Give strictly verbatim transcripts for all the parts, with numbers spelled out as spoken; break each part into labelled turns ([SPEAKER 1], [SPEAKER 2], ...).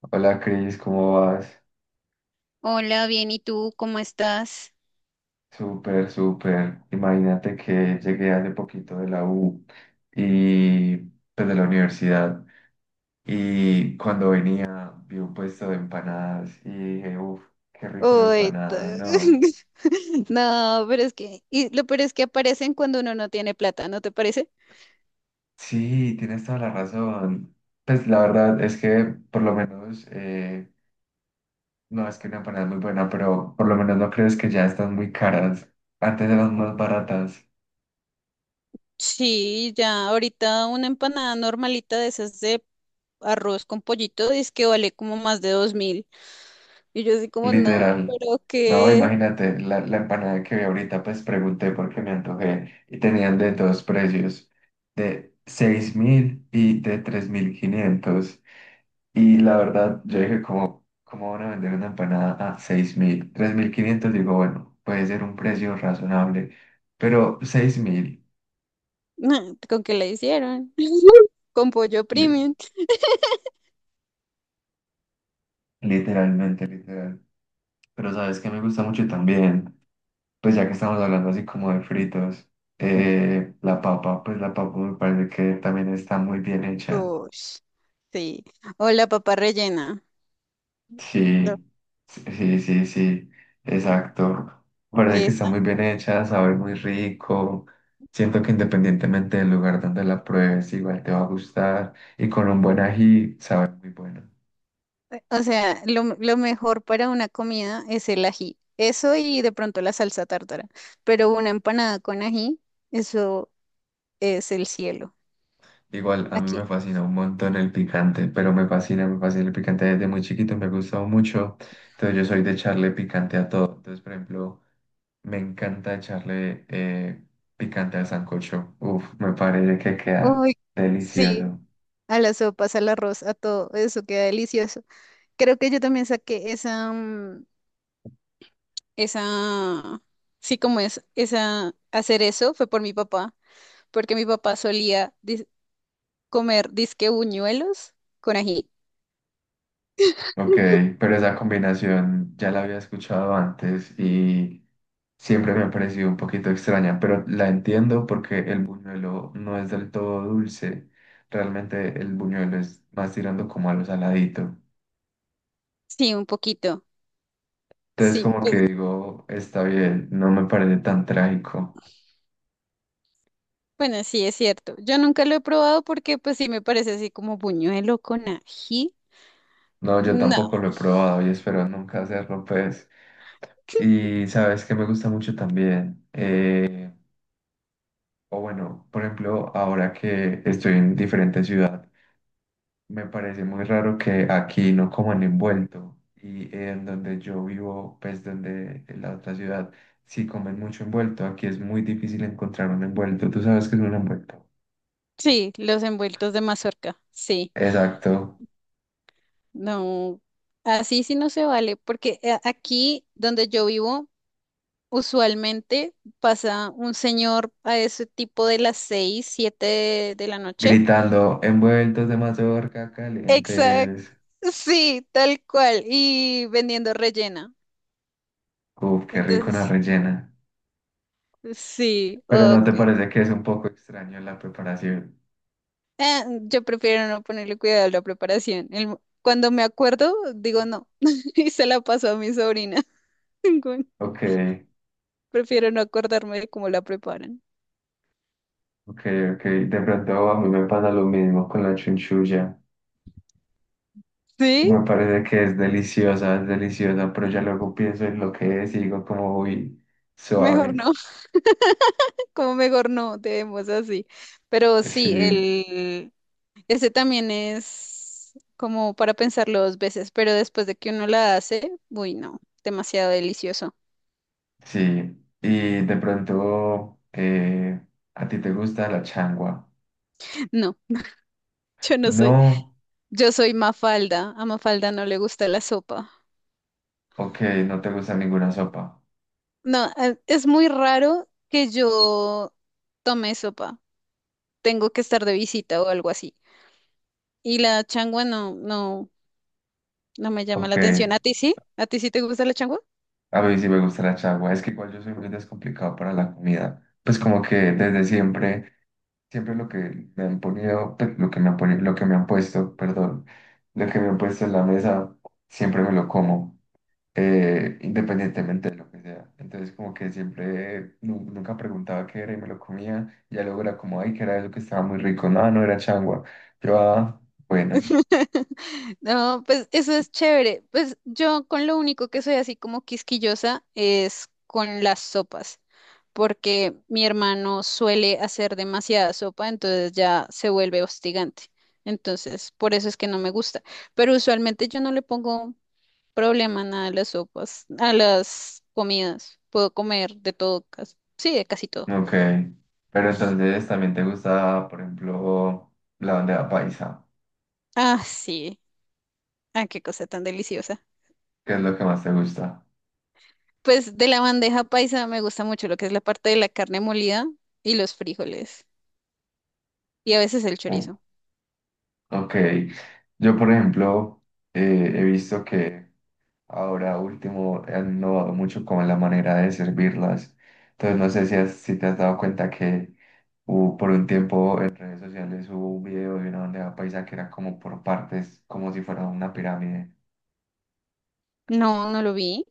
[SPEAKER 1] Hola Cris, ¿cómo vas?
[SPEAKER 2] Hola, bien, ¿y tú cómo estás?
[SPEAKER 1] Súper, súper. Imagínate que llegué hace poquito de la U y pues de la universidad, y cuando venía vi un puesto de empanadas y dije, uff, qué rico la
[SPEAKER 2] Uy, t-
[SPEAKER 1] empanada, no.
[SPEAKER 2] no, pero es que, y lo peor es que aparecen cuando uno no tiene plata, ¿no te parece?
[SPEAKER 1] Sí, tienes toda la razón. Pues la verdad es que por lo menos, eh, no es que una empanada es muy buena, pero por lo menos no crees que ya están muy caras. Antes eran más baratas.
[SPEAKER 2] Sí, ya, ahorita una empanada normalita de esas de arroz con pollito dice que vale como más de dos mil. Y yo así como, no,
[SPEAKER 1] Literal.
[SPEAKER 2] pero
[SPEAKER 1] No,
[SPEAKER 2] qué,
[SPEAKER 1] imagínate, la, la empanada que vi ahorita, pues pregunté porque me antojé y tenían de dos precios, de seis mil y de tres mil quinientos. Y la verdad, yo dije, ¿cómo, cómo van a vender una empanada a seis mil, tres mil quinientos? Digo, bueno, puede ser un precio razonable, pero seis mil,
[SPEAKER 2] no, ¿con qué la hicieron? Con pollo
[SPEAKER 1] li-
[SPEAKER 2] premium.
[SPEAKER 1] literalmente, literal. Pero sabes que me gusta mucho también. Pues ya que estamos hablando así como de fritos, eh, la papa, pues la papa me parece que también está muy bien hecha.
[SPEAKER 2] Ush, sí. O la papa rellena. No.
[SPEAKER 1] Sí, sí, sí, sí, exacto. Me parece que está
[SPEAKER 2] Esa.
[SPEAKER 1] muy bien hecha, sabe muy rico. Siento que independientemente del lugar donde la pruebes, igual te va a gustar. Y con un buen ají, sabe muy bueno.
[SPEAKER 2] O sea, lo, lo mejor para una comida es el ají. Eso y de pronto la salsa tártara. Pero una empanada con ají, eso es el cielo.
[SPEAKER 1] Igual a mí me
[SPEAKER 2] Aquí.
[SPEAKER 1] fascina un montón el picante, pero me fascina, me fascina el picante desde muy chiquito, me ha gustado mucho. Entonces yo soy de echarle picante a todo. Entonces, por ejemplo, me encanta echarle eh, picante al sancocho. Uf, me parece que queda
[SPEAKER 2] Uy, sí.
[SPEAKER 1] delicioso.
[SPEAKER 2] A las sopas, al arroz, a todo. Eso queda delicioso. Creo que yo también saqué esa, mm, esa, sí, como es, esa, hacer eso fue por mi papá. Porque mi papá solía dis- comer disque buñuelos con ají.
[SPEAKER 1] Ok, pero esa combinación ya la había escuchado antes, y siempre me ha parecido un poquito extraña, pero la entiendo porque el buñuelo no es del todo dulce. Realmente el buñuelo es más tirando como a lo saladito.
[SPEAKER 2] Sí, un poquito.
[SPEAKER 1] Entonces
[SPEAKER 2] Sí,
[SPEAKER 1] como que
[SPEAKER 2] pues.
[SPEAKER 1] digo, está bien, no me parece tan trágico.
[SPEAKER 2] Bueno, sí, es cierto. Yo nunca lo he probado porque pues sí me parece así como buñuelo con ají.
[SPEAKER 1] No, yo
[SPEAKER 2] No.
[SPEAKER 1] tampoco lo he probado y espero nunca hacerlo, pues. Y sabes que me gusta mucho también, eh, o bueno, por ejemplo, ahora que estoy en diferente ciudad, me parece muy raro que aquí no coman envuelto. Y en donde yo vivo, pues donde en la otra ciudad, sí comen mucho envuelto. Aquí es muy difícil encontrar un envuelto. ¿Tú sabes qué es un envuelto?
[SPEAKER 2] Sí, los envueltos de mazorca, sí.
[SPEAKER 1] Exacto.
[SPEAKER 2] No, así sí no se vale, porque eh, aquí donde yo vivo, usualmente pasa un señor a ese tipo de las seis, siete de, de la noche.
[SPEAKER 1] Gritando, envueltos de mazorca,
[SPEAKER 2] Exacto,
[SPEAKER 1] calientes.
[SPEAKER 2] sí, tal cual, y vendiendo rellena.
[SPEAKER 1] Uf, qué rico una
[SPEAKER 2] Entonces,
[SPEAKER 1] rellena.
[SPEAKER 2] sí,
[SPEAKER 1] Pero ¿no
[SPEAKER 2] ok.
[SPEAKER 1] te parece que es un poco extraño la preparación?
[SPEAKER 2] Eh, yo prefiero no ponerle cuidado a la preparación. El mo- cuando me acuerdo, digo no. Y se la paso a mi sobrina. Bueno,
[SPEAKER 1] Ok.
[SPEAKER 2] prefiero no acordarme de cómo la preparan.
[SPEAKER 1] Ok, ok, de pronto a mí me pasa lo mismo con la chunchulla.
[SPEAKER 2] Sí,
[SPEAKER 1] Me parece que es deliciosa, es deliciosa, pero ya luego pienso en lo que es y digo como, uy,
[SPEAKER 2] mejor
[SPEAKER 1] suave.
[SPEAKER 2] no. Como mejor no, debemos así. Pero sí,
[SPEAKER 1] Sí,
[SPEAKER 2] el ese también es como para pensarlo dos veces, pero después de que uno la hace, uy, no, demasiado delicioso.
[SPEAKER 1] sí. Y de pronto, eh, ¿a ti te gusta la changua?
[SPEAKER 2] No, yo no soy.
[SPEAKER 1] No,
[SPEAKER 2] Yo soy Mafalda. A Mafalda no le gusta la sopa.
[SPEAKER 1] ok, no te gusta ninguna sopa.
[SPEAKER 2] No, eh, es muy raro que yo tome sopa. Tengo que estar de visita o algo así. Y la changua no, no, no me llama la
[SPEAKER 1] Ok,
[SPEAKER 2] atención.
[SPEAKER 1] a
[SPEAKER 2] ¿A ti sí? ¿A ti sí te gusta la changua?
[SPEAKER 1] mí sí me gusta la changua. Es que igual yo soy muy descomplicado para la comida. Pues como que desde siempre siempre lo que me han ponido, pe- lo que me han poni- lo que me han puesto, perdón, lo que me han puesto en la mesa, siempre me lo como, eh, independientemente de lo que sea. Entonces como que siempre, nu- nunca preguntaba qué era y me lo comía, ya luego era como, ay, que era eso que estaba muy rico, no, no era changua. Yo, ah, bueno,
[SPEAKER 2] No, pues eso es chévere. Pues yo con lo único que soy así como quisquillosa es con las sopas, porque mi hermano suele hacer demasiada sopa, entonces ya se vuelve hostigante. Entonces, por eso es que no me gusta. Pero usualmente yo no le pongo problema a nada a las sopas, a las comidas. Puedo comer de todo, cas- sí, de casi todo.
[SPEAKER 1] ok. Pero entonces también te gusta, por ejemplo, la bandeja paisa,
[SPEAKER 2] Ah, sí. Ah, qué cosa tan deliciosa.
[SPEAKER 1] ¿qué es lo que más te gusta?
[SPEAKER 2] Pues de la bandeja paisa me gusta mucho lo que es la parte de la carne molida y los frijoles y a veces el
[SPEAKER 1] Uh,
[SPEAKER 2] chorizo.
[SPEAKER 1] ok, yo por ejemplo, eh, he visto que ahora último, han innovado mucho con la manera de servirlas. Entonces no sé si, has- si te has dado cuenta que hubo por un tiempo en redes sociales, hubo un video de una bandeja paisa que era como por partes, como si fuera una pirámide.
[SPEAKER 2] No, no lo vi.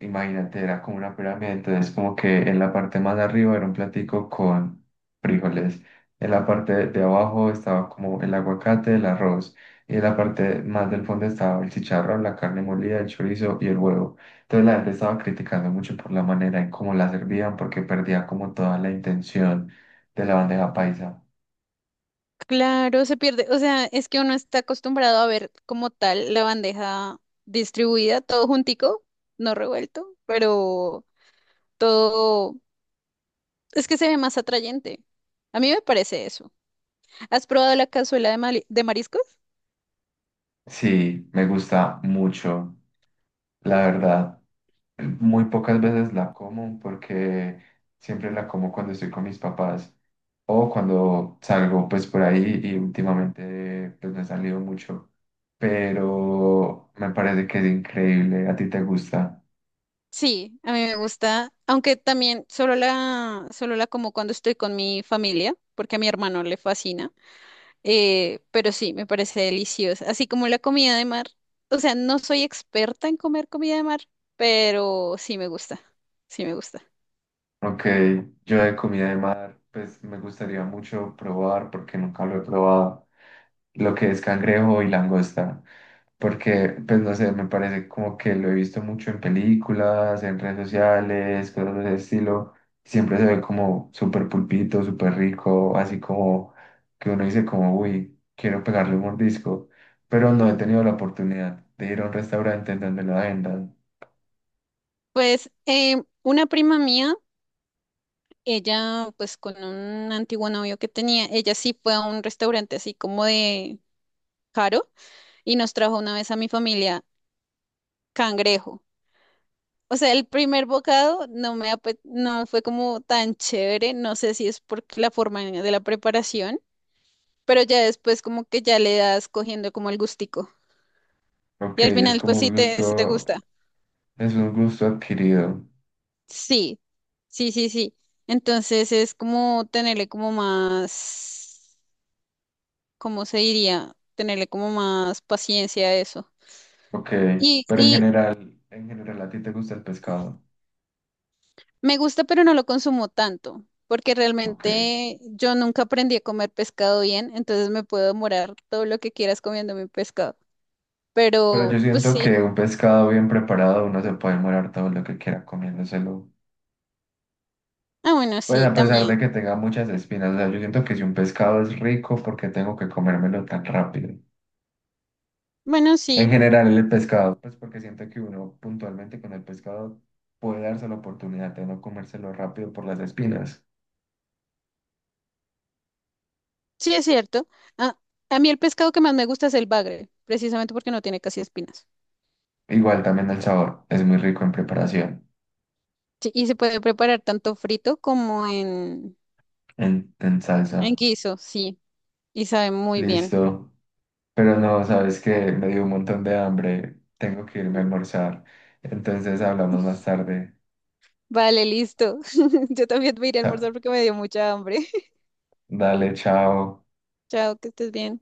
[SPEAKER 1] Imagínate, era como una pirámide, entonces como que en la parte más de arriba era un platico con frijoles, en la parte de abajo estaba como el aguacate, el arroz, y en la parte más del fondo estaba el chicharrón, la carne molida, el chorizo y el huevo. Entonces la gente estaba criticando mucho por la manera en cómo la servían porque perdía como toda la intención de la bandeja paisa.
[SPEAKER 2] Claro, se pierde. O sea, es que uno está acostumbrado a ver como tal la bandeja distribuida, todo juntico, no revuelto, pero todo es que se ve más atrayente. A mí me parece eso. ¿Has probado la cazuela de, mali- de mariscos?
[SPEAKER 1] Sí, me gusta mucho, la verdad. Muy pocas veces la como porque siempre la como cuando estoy con mis papás o cuando salgo pues por ahí, y últimamente pues no he salido mucho, pero me parece que es increíble, ¿a ti te gusta?
[SPEAKER 2] Sí, a mí me gusta, aunque también solo la, solo la como cuando estoy con mi familia, porque a mi hermano le fascina, eh, pero sí, me parece deliciosa, así como la comida de mar. O sea, no soy experta en comer comida de mar, pero sí me gusta, sí me gusta.
[SPEAKER 1] Ok, yo de comida de mar pues me gustaría mucho probar porque nunca lo he probado, lo que es cangrejo y langosta, porque, pues no sé, me parece como que lo he visto mucho en películas, en redes sociales, cosas de ese estilo, siempre se ve como súper pulpito, súper rico, así como que uno dice como, uy, quiero pegarle un mordisco, pero no he tenido la oportunidad de ir a un restaurante en donde lo vendan.
[SPEAKER 2] Pues eh, una prima mía, ella pues con un antiguo novio que tenía, ella sí fue a un restaurante así como de caro y nos trajo una vez a mi familia cangrejo. O sea, el primer bocado no me ape- no fue como tan chévere, no sé si es por la forma de la preparación, pero ya después como que ya le das cogiendo como el gustico. Y
[SPEAKER 1] Ok,
[SPEAKER 2] al
[SPEAKER 1] es
[SPEAKER 2] final pues
[SPEAKER 1] como
[SPEAKER 2] sí
[SPEAKER 1] un
[SPEAKER 2] te, sí te
[SPEAKER 1] gusto,
[SPEAKER 2] gusta.
[SPEAKER 1] es un gusto adquirido.
[SPEAKER 2] Sí, sí, sí, sí. Entonces es como tenerle como más, ¿cómo se diría? Tenerle como más paciencia a eso.
[SPEAKER 1] Ok,
[SPEAKER 2] Y,
[SPEAKER 1] pero en
[SPEAKER 2] y,
[SPEAKER 1] general, en general a ti te gusta el pescado.
[SPEAKER 2] Me gusta, pero no lo consumo tanto, porque
[SPEAKER 1] Ok.
[SPEAKER 2] realmente yo nunca aprendí a comer pescado bien, entonces me puedo demorar todo lo que quieras comiendo mi pescado.
[SPEAKER 1] Pero yo
[SPEAKER 2] Pero, pues
[SPEAKER 1] siento
[SPEAKER 2] sí.
[SPEAKER 1] que un pescado bien preparado uno se puede morar todo lo que quiera comiéndoselo.
[SPEAKER 2] Ah, bueno,
[SPEAKER 1] Pues
[SPEAKER 2] sí,
[SPEAKER 1] a pesar
[SPEAKER 2] también.
[SPEAKER 1] de que tenga muchas espinas, o sea, yo siento que si un pescado es rico, ¿por qué tengo que comérmelo tan rápido?
[SPEAKER 2] Bueno,
[SPEAKER 1] En
[SPEAKER 2] sí,
[SPEAKER 1] general el pescado, pues porque siento que uno puntualmente con el pescado puede darse la oportunidad de no comérselo rápido por las espinas.
[SPEAKER 2] sí es cierto. Ah, a mí el pescado que más me gusta es el bagre, precisamente porque no tiene casi espinas.
[SPEAKER 1] Igual también el sabor, es muy rico en preparación,
[SPEAKER 2] Sí, y se puede preparar tanto frito como en,
[SPEAKER 1] en, en
[SPEAKER 2] en
[SPEAKER 1] salsa.
[SPEAKER 2] guiso, sí, y sabe muy bien.
[SPEAKER 1] Listo. Pero no, sabes que me dio un montón de hambre. Tengo que irme a almorzar. Entonces hablamos más tarde.
[SPEAKER 2] Vale, listo. Yo también me iré a almorzar porque me dio mucha hambre.
[SPEAKER 1] Dale, chao.
[SPEAKER 2] Chao, que estés bien.